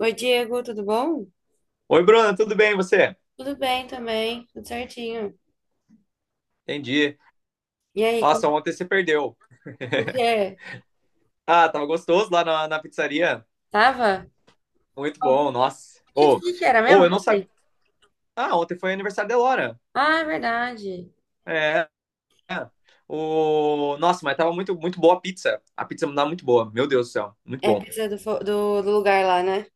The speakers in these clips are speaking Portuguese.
Oi, Diego, tudo bom? Oi, Bruna, tudo bem e você? Tudo bem também, tudo certinho. Entendi. E aí, como, Nossa, ontem você perdeu. o que é? Ah, tava gostoso lá na pizzaria. Tava? Muito O bom, nossa. que, Ou, que era mesmo ou eu não sabia. ontem? Ah, ontem foi aniversário da Elora. Ah, é verdade. É. É. Nossa, mas tava muito, muito boa a pizza. A pizza tava muito boa. Meu Deus do céu, muito É bom. pizza do, do, do lugar lá, né?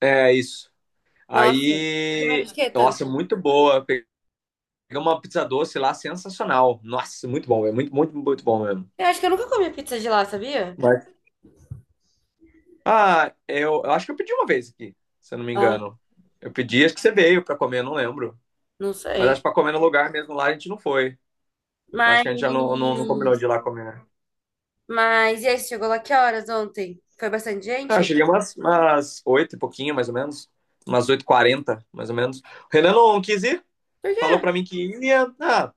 É isso. Nossa, comeram Aí, de quê nossa, tanto? muito boa. Peguei uma pizza doce lá, sensacional. Nossa, muito bom, é muito, muito, muito bom mesmo. Eu acho que eu nunca comi pizza de lá, sabia? Ah, eu acho que eu pedi uma vez aqui, se eu não me Ah, engano. Eu pedi, acho que você veio pra comer, eu não lembro. não Mas acho que sei. pra comer no lugar mesmo lá a gente não foi. Acho Mas, que a gente já não combinou de ir lá comer, né? mas e aí, você chegou lá que horas ontem? Foi bastante Ah, gente? cheguei umas 8 e pouquinho, mais ou menos. Umas oito h 40 mais ou menos. O Renan não quis ir, Por quê? falou pra mim que ia. Ah,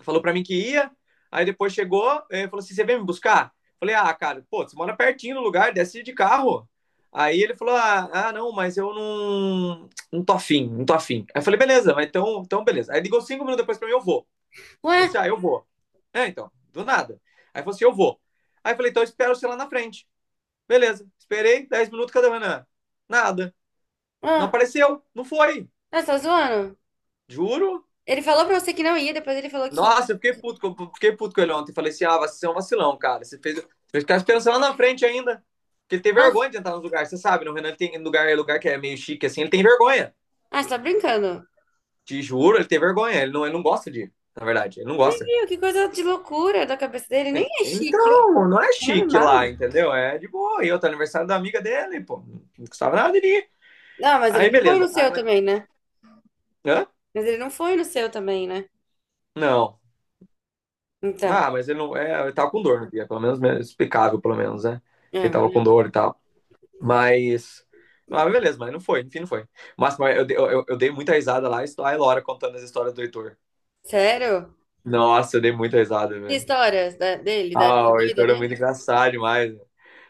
falou para mim que ia, aí depois chegou, é, falou assim: você vem me buscar? Falei, ah, cara, pô, você mora pertinho do lugar, desce de carro. Aí ele falou: ah, não, mas eu não tô afim, não tô afim. Aí eu falei: beleza, mas então beleza. Aí ligou 5 minutos depois pra mim: eu vou. Falou Ué? assim: ah, eu vou. É, então, do nada. Aí falou assim: eu vou. Aí eu falei: então eu espero você lá na frente. Beleza, esperei 10 minutos, cadê o Renan? Nada, não Ah, apareceu, não foi. ah, você tá zoando? Juro. Ele falou pra você que não ia, depois ele falou que... Nossa, eu fiquei puto, fiquei puto com ele ontem. Falei assim, ah, você é um vacilão, cara. Você fez, ficar esperança lá na frente ainda. Porque ele tem Nossa, vergonha de entrar nos lugares. Você sabe, no Renan ele tem lugar, é lugar que é meio chique, assim, ele tem vergonha. ah, você tá brincando. Te juro, ele tem vergonha. Ele não gosta de ir, na verdade. Ele não Nem gosta. viu, que coisa de loucura da cabeça dele. Nem é chique, é Então, não é chique normal. lá, entendeu? É de boa. E outro aniversário da amiga dele, pô. Não custava nada de ir. Não, mas Aí, ele não foi no beleza. Aí, seu mas. também, né? Hã? Mas ele não foi no seu também, né? Não. Então, Ah, mas ele não. É, ele tava com dor no dia, pelo menos é explicável, pelo menos, né? Que é, ele mas tava com não. dor e tal. Mas. Ah, beleza, mas não foi, enfim, não foi. Mas eu dei muita risada lá, estou a Laura contando as histórias do Heitor. Sério? Nossa, eu dei muita risada, Que velho. histórias dele, da Ah, época o doida Heitor é muito dele? engraçado demais, né?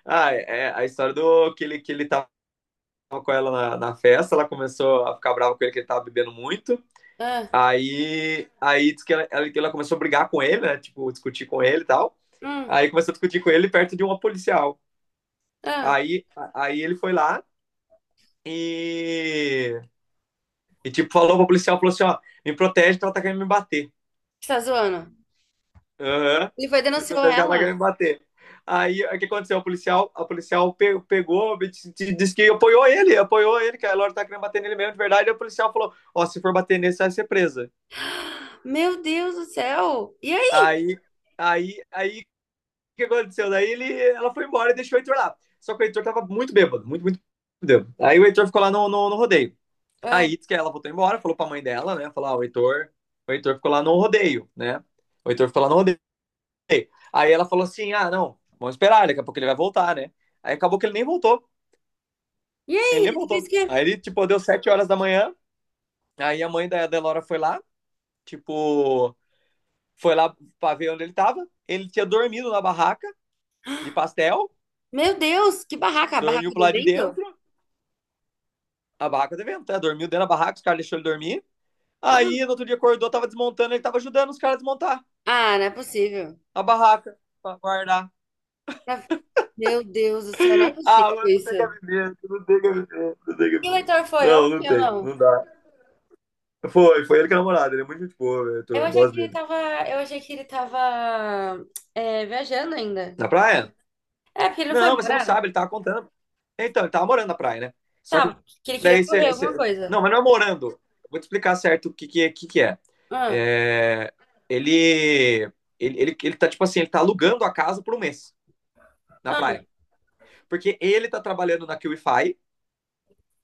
Ah, é a história do que ele tava com ela na festa, ela começou a ficar brava com ele que ele tava bebendo muito. Ah, Aí, diz que ela começou a brigar com ele, né? Tipo, discutir com ele e tal. hum, Aí começou a discutir com ele perto de uma policial. ah, Aí ele foi lá e E, tipo, falou pro policial, falou assim, ó, me protege que ela tá querendo me bater. você tá zoando? Aham. Ele foi e Me denunciou protege que ela tá ela? querendo me bater. Aí, o que aconteceu? A policial pegou, disse que apoiou ele, que a Laura tá querendo bater nele mesmo, de verdade. E o policial falou, ó, se for bater nele, você vai ser presa. Meu Deus do céu! E aí? Aí, aí, o que aconteceu? Daí ela foi embora e deixou o Heitor lá. Só que o Heitor tava muito bêbado, muito, muito bêbado. Aí o Heitor ficou lá no rodeio. Ah, Aí, diz que ela voltou embora, falou pra mãe dela, né, falou, ah, o Heitor ficou lá no rodeio, né. O Heitor ficou lá no rodeio. Aí ela falou assim: ah, não, vamos esperar, daqui a pouco ele vai voltar, né? Aí acabou que ele nem voltou. e aí? Ele nem Ele fez o voltou. quê? Aí ele, tipo, deu 7 horas da manhã. Aí a mãe da Delora foi lá, tipo, foi lá pra ver onde ele tava. Ele tinha dormido na barraca de pastel, Meu Deus, que barraca! A barraca dormiu pro do lado de vento? dentro, a barraca de vento, né? Dormiu dentro da barraca, os caras deixaram ele dormir. Ah, Aí no outro dia acordou, tava desmontando, ele tava ajudando os caras a desmontar ah, não é possível. a barraca pra guardar. Não é- Meu Deus do céu, não é Ah, possível mas não isso. tem cabimento, não tem cabimento, não tem E o cabimento. leitor foi Não, não ontem ou tem, não? não dá. Foi ele que é namorado. Ele é muito gente boa, Eu eu achei gosto que ele dele. tava, eu achei que ele tava, é, viajando ainda. Na praia? É, porque ele não foi Não, mas você não morar. sabe, ele tava contando. Então, ele tava morando na praia, né? Só que Tava, que ele queria daí você. correr alguma Você- coisa. Não, mas não é morando. Eu vou te explicar certo o que é. Ah, É. Ele, Ele tá, tipo assim, ele tá alugando a casa por um mês na ah, praia. Porque ele tá trabalhando na QIFI,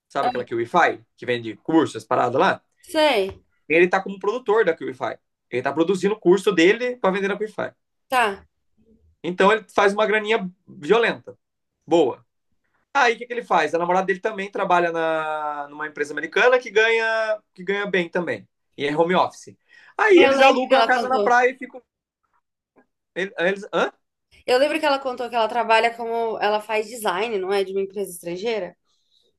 sabe aquela QIFI que vende cursos, as paradas lá? sei. Ele tá como produtor da QIFI. Ele tá produzindo o curso dele pra vender na QIFI. Tá. Então ele faz uma graninha violenta. Boa. Aí o que, que ele faz? A namorada dele também trabalha numa empresa americana que ganha bem também. E é home office. Aí É, eu eles lembro que alugam a ela casa na contou. praia e ficam. Eles, hã? Eu lembro que ela contou que ela trabalha, como ela faz design, não é? De uma empresa estrangeira.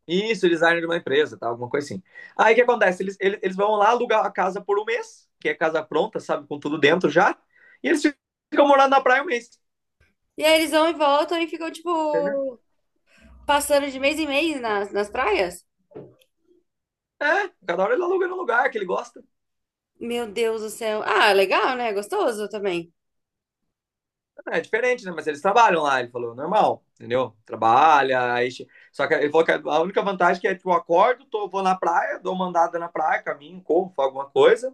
Isso, eles saem de uma empresa, tá? Alguma coisa assim. Aí o que acontece? Eles vão lá alugar a casa por um mês, que é casa pronta, sabe? Com tudo dentro já. E eles ficam morando na praia um mês. E aí eles vão e voltam e ficam, Entendeu? tipo, passando de mês em mês nas praias. É, cada hora ele aluga no lugar que ele gosta. Meu Deus do céu. Ah, legal, né? Gostoso também. É diferente, né? Mas eles trabalham lá, ele falou, normal, entendeu? Trabalha, aí. Só que ele falou que a única vantagem que é, tipo, eu acordo, tô, vou na praia, dou uma andada na praia, caminho, corro, faço alguma coisa.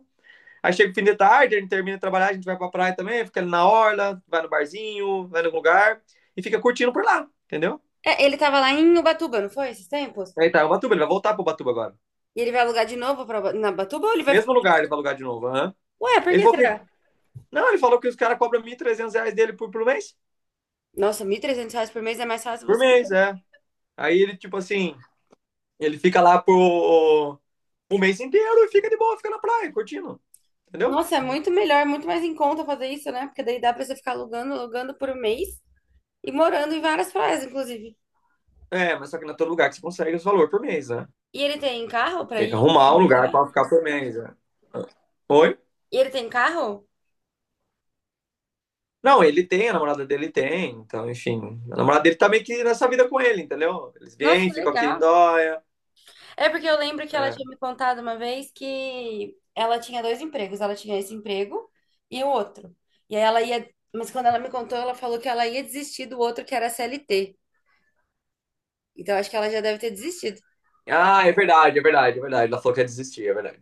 Aí chega o fim de tarde, a gente termina de trabalhar, a gente vai pra praia também, fica ali na orla, vai no barzinho, vai no lugar e fica curtindo por lá, entendeu? É, ele tava lá em Ubatuba, não foi? Esses tempos? Aí tá, o Batuba, ele vai voltar pro Batuba agora. E ele vai alugar de novo pra, na Batuba, ou ele O vai mesmo ficar. lugar ele vai alugar de novo, aham. Ué, por Ele que falou que. será? Não, ele falou que os caras cobram R$ 1.300 dele por mês. Nossa, 1.300 reais por mês é mais fácil Por você. mês, é. Aí ele fica lá por o mês inteiro e fica de boa, fica na praia, curtindo, entendeu? Nossa, é muito melhor, é muito mais em conta fazer isso, né? Porque daí dá pra você ficar alugando, alugando por um mês e morando em várias praias, inclusive. É, mas só que não é todo lugar que você consegue esse valor por mês, né? E ele tem carro pra Tem que ir? arrumar um lugar Visitar? pra ficar por mês, né? Oi? E ele tem carro? Não, ele tem, a namorada dele tem, então, enfim. A namorada dele tá meio que nessa vida com ele, entendeu? Eles Nossa, que vêm, ficam aqui em legal. Dóia. É porque eu lembro que ela É. tinha me contado uma vez que ela tinha dois empregos. Ela tinha esse emprego e o outro. E aí ela ia. Mas quando ela me contou, ela falou que ela ia desistir do outro que era CLT. Então acho que ela já deve ter desistido Ah, é verdade, é verdade, é verdade. Ela falou que ia desistir, é verdade.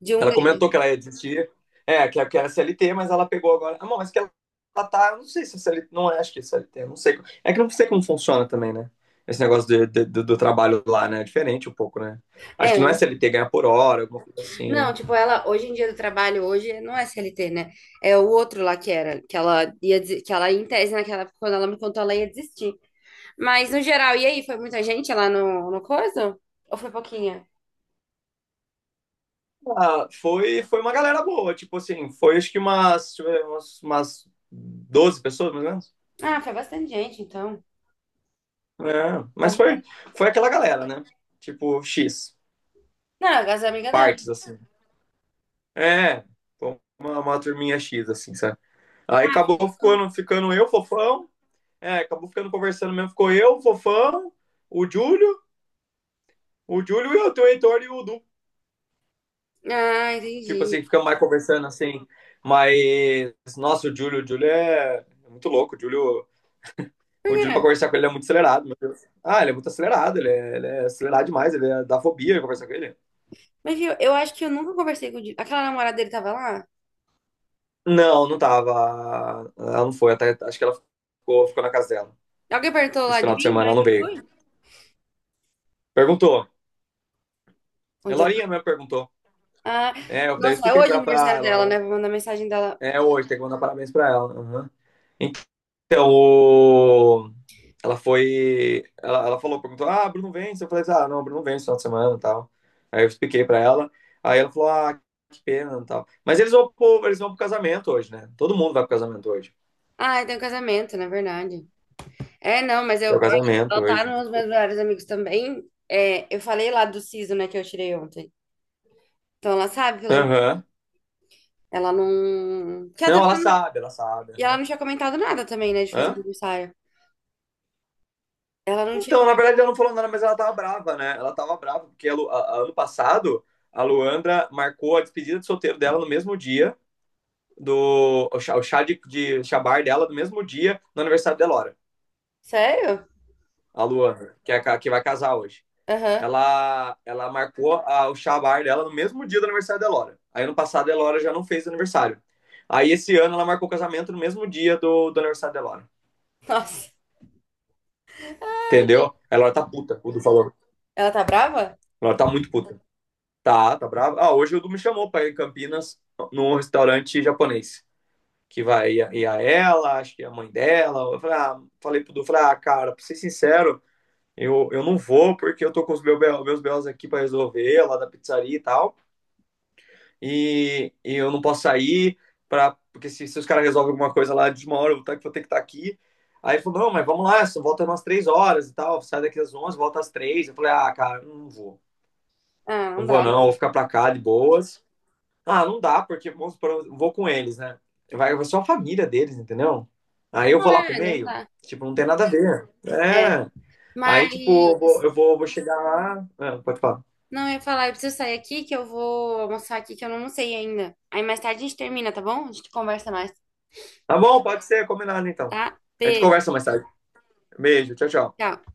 de um Ela comentou que deles. ela ia desistir, é, que era CLT, mas ela pegou agora. Ah, bom, mas que ela, tá, eu não sei se é CLT, não é, acho que é CLT, eu não sei. É que eu não sei como funciona também, né? Esse negócio do trabalho lá, né? É diferente um pouco, né? É, Acho que não é um. CLT, ganha por hora, alguma coisa Não, assim. tipo, ela hoje em dia, do trabalho hoje não é CLT, né? É o outro lá que era, que ela, em tese, naquela época, quando ela me contou, ela ia desistir. Mas no geral, e aí, foi muita gente lá no coisa? Ou foi pouquinha? Ah, foi uma galera boa, tipo assim, foi acho que umas 12 pessoas, mais ou menos. Ah, foi bastante gente, então. É, As mas minhas... foi aquela galera, né? Tipo, X, Não, as amigas dela. partes, assim. É, uma turminha X, assim, sabe? Aí Ah, foi acabou gostoso. ficando eu, Fofão. É, acabou ficando conversando mesmo. Ficou eu, Fofão, o Júlio, o Júlio e eu, o Heitor e o Du. Ah, Tipo entendi. assim, ficamos mais conversando assim. Mas, nossa, o Júlio é muito louco. O Júlio, Por o Júlio quê? pra conversar com ele, ele é muito acelerado. Meu Deus. Ah, ele é muito acelerado, ele é acelerado demais, ele é, dá fobia de conversar com ele. Mas viu, eu acho que eu nunca conversei com o aquela namorada dele tava lá. Não, não tava. Ela não foi, até, acho que ela ficou na casa dela. Alguém perguntou lá Esse de final de mim, na semana hora ela que não eu veio. fui? Perguntou. A Onde eu... Lorinha mesmo perguntou. Ah, É, daí eu nossa, é expliquei hoje o pra ela, aniversário ah, dela, né? Laura. Vou mandar mensagem dela. É hoje, tem que mandar parabéns pra ela. Aham. Então, o. Ela foi. Ela falou, perguntou, ah, Bruno vence. Eu falei, assim, ah, não, Bruno vence no final de semana e tal. Aí eu expliquei pra ela. Aí ela falou, ah, que pena e tal. Mas eles vão pro casamento hoje, né? Todo mundo vai pro casamento hoje. Ah, é, tem um casamento, na verdade. É, não, mas É o eu acho que casamento ela tá hoje. nos meus melhores amigos também. É, eu falei lá do siso, né, que eu tirei ontem. Então ela sabe, pelo... Aham. ela não. Que ela Não, também ela não... sabe, ela sabe. E ela Aham. não tinha comentado nada também, né, de fazer Hã? aniversário. Ela não tinha Então, na comentado. verdade, ela não falou nada, mas ela tava brava, né? Ela tava brava, porque a Lu- a- ano passado, a Luandra marcou a despedida de solteiro dela no mesmo dia. Do o chá de chabar dela do mesmo dia no aniversário da Elora, Sério? a Luana, que vai casar hoje. Aham. Ela marcou o chabar dela no mesmo dia do aniversário da Elora. Aí ano passado a Elora já não fez aniversário. Aí esse ano ela marcou o casamento no mesmo dia do aniversário da Elora. Nossa. Entendeu? A Elora tá puta, o Du falou. Ela tá brava? A Elora tá muito puta. Tá, tá brava. Ah, hoje o Du me chamou pra ir em Campinas num restaurante japonês que vai ir a ela, acho que é a mãe dela. Eu falei, ah, falei pro Du, falei, ah, cara, pra ser sincero, eu não vou porque eu tô com os meus BOs aqui para resolver, lá da pizzaria e tal. E eu não posso sair, porque se os caras resolvem alguma coisa lá de uma hora, eu vou ter que estar aqui. Aí ele falou, não, mas vamos lá, só volta umas três horas e tal. Sai daqui às 11 volta às três. Eu falei, ah, cara, não vou. Ah, não Não vou dá, não, vou né? ficar pra cá de boas. Ah, não dá, porque vamos supor, eu vou com eles, né? Vai só a família deles, entendeu? Aí eu vou Não lá pro é, não meio, dá. tipo, não tem nada a ver. É. É, aí, Mas... tipo, vou chegar lá. Ah, pode falar. Não, eu ia falar, eu preciso sair aqui que eu vou almoçar aqui que eu não almocei ainda. Aí mais tarde a gente termina, tá bom? A gente conversa mais, Tá bom, pode ser, combinado então. tá? A gente Beijo, conversa mais tarde. Beijo, tchau, tchau. tchau.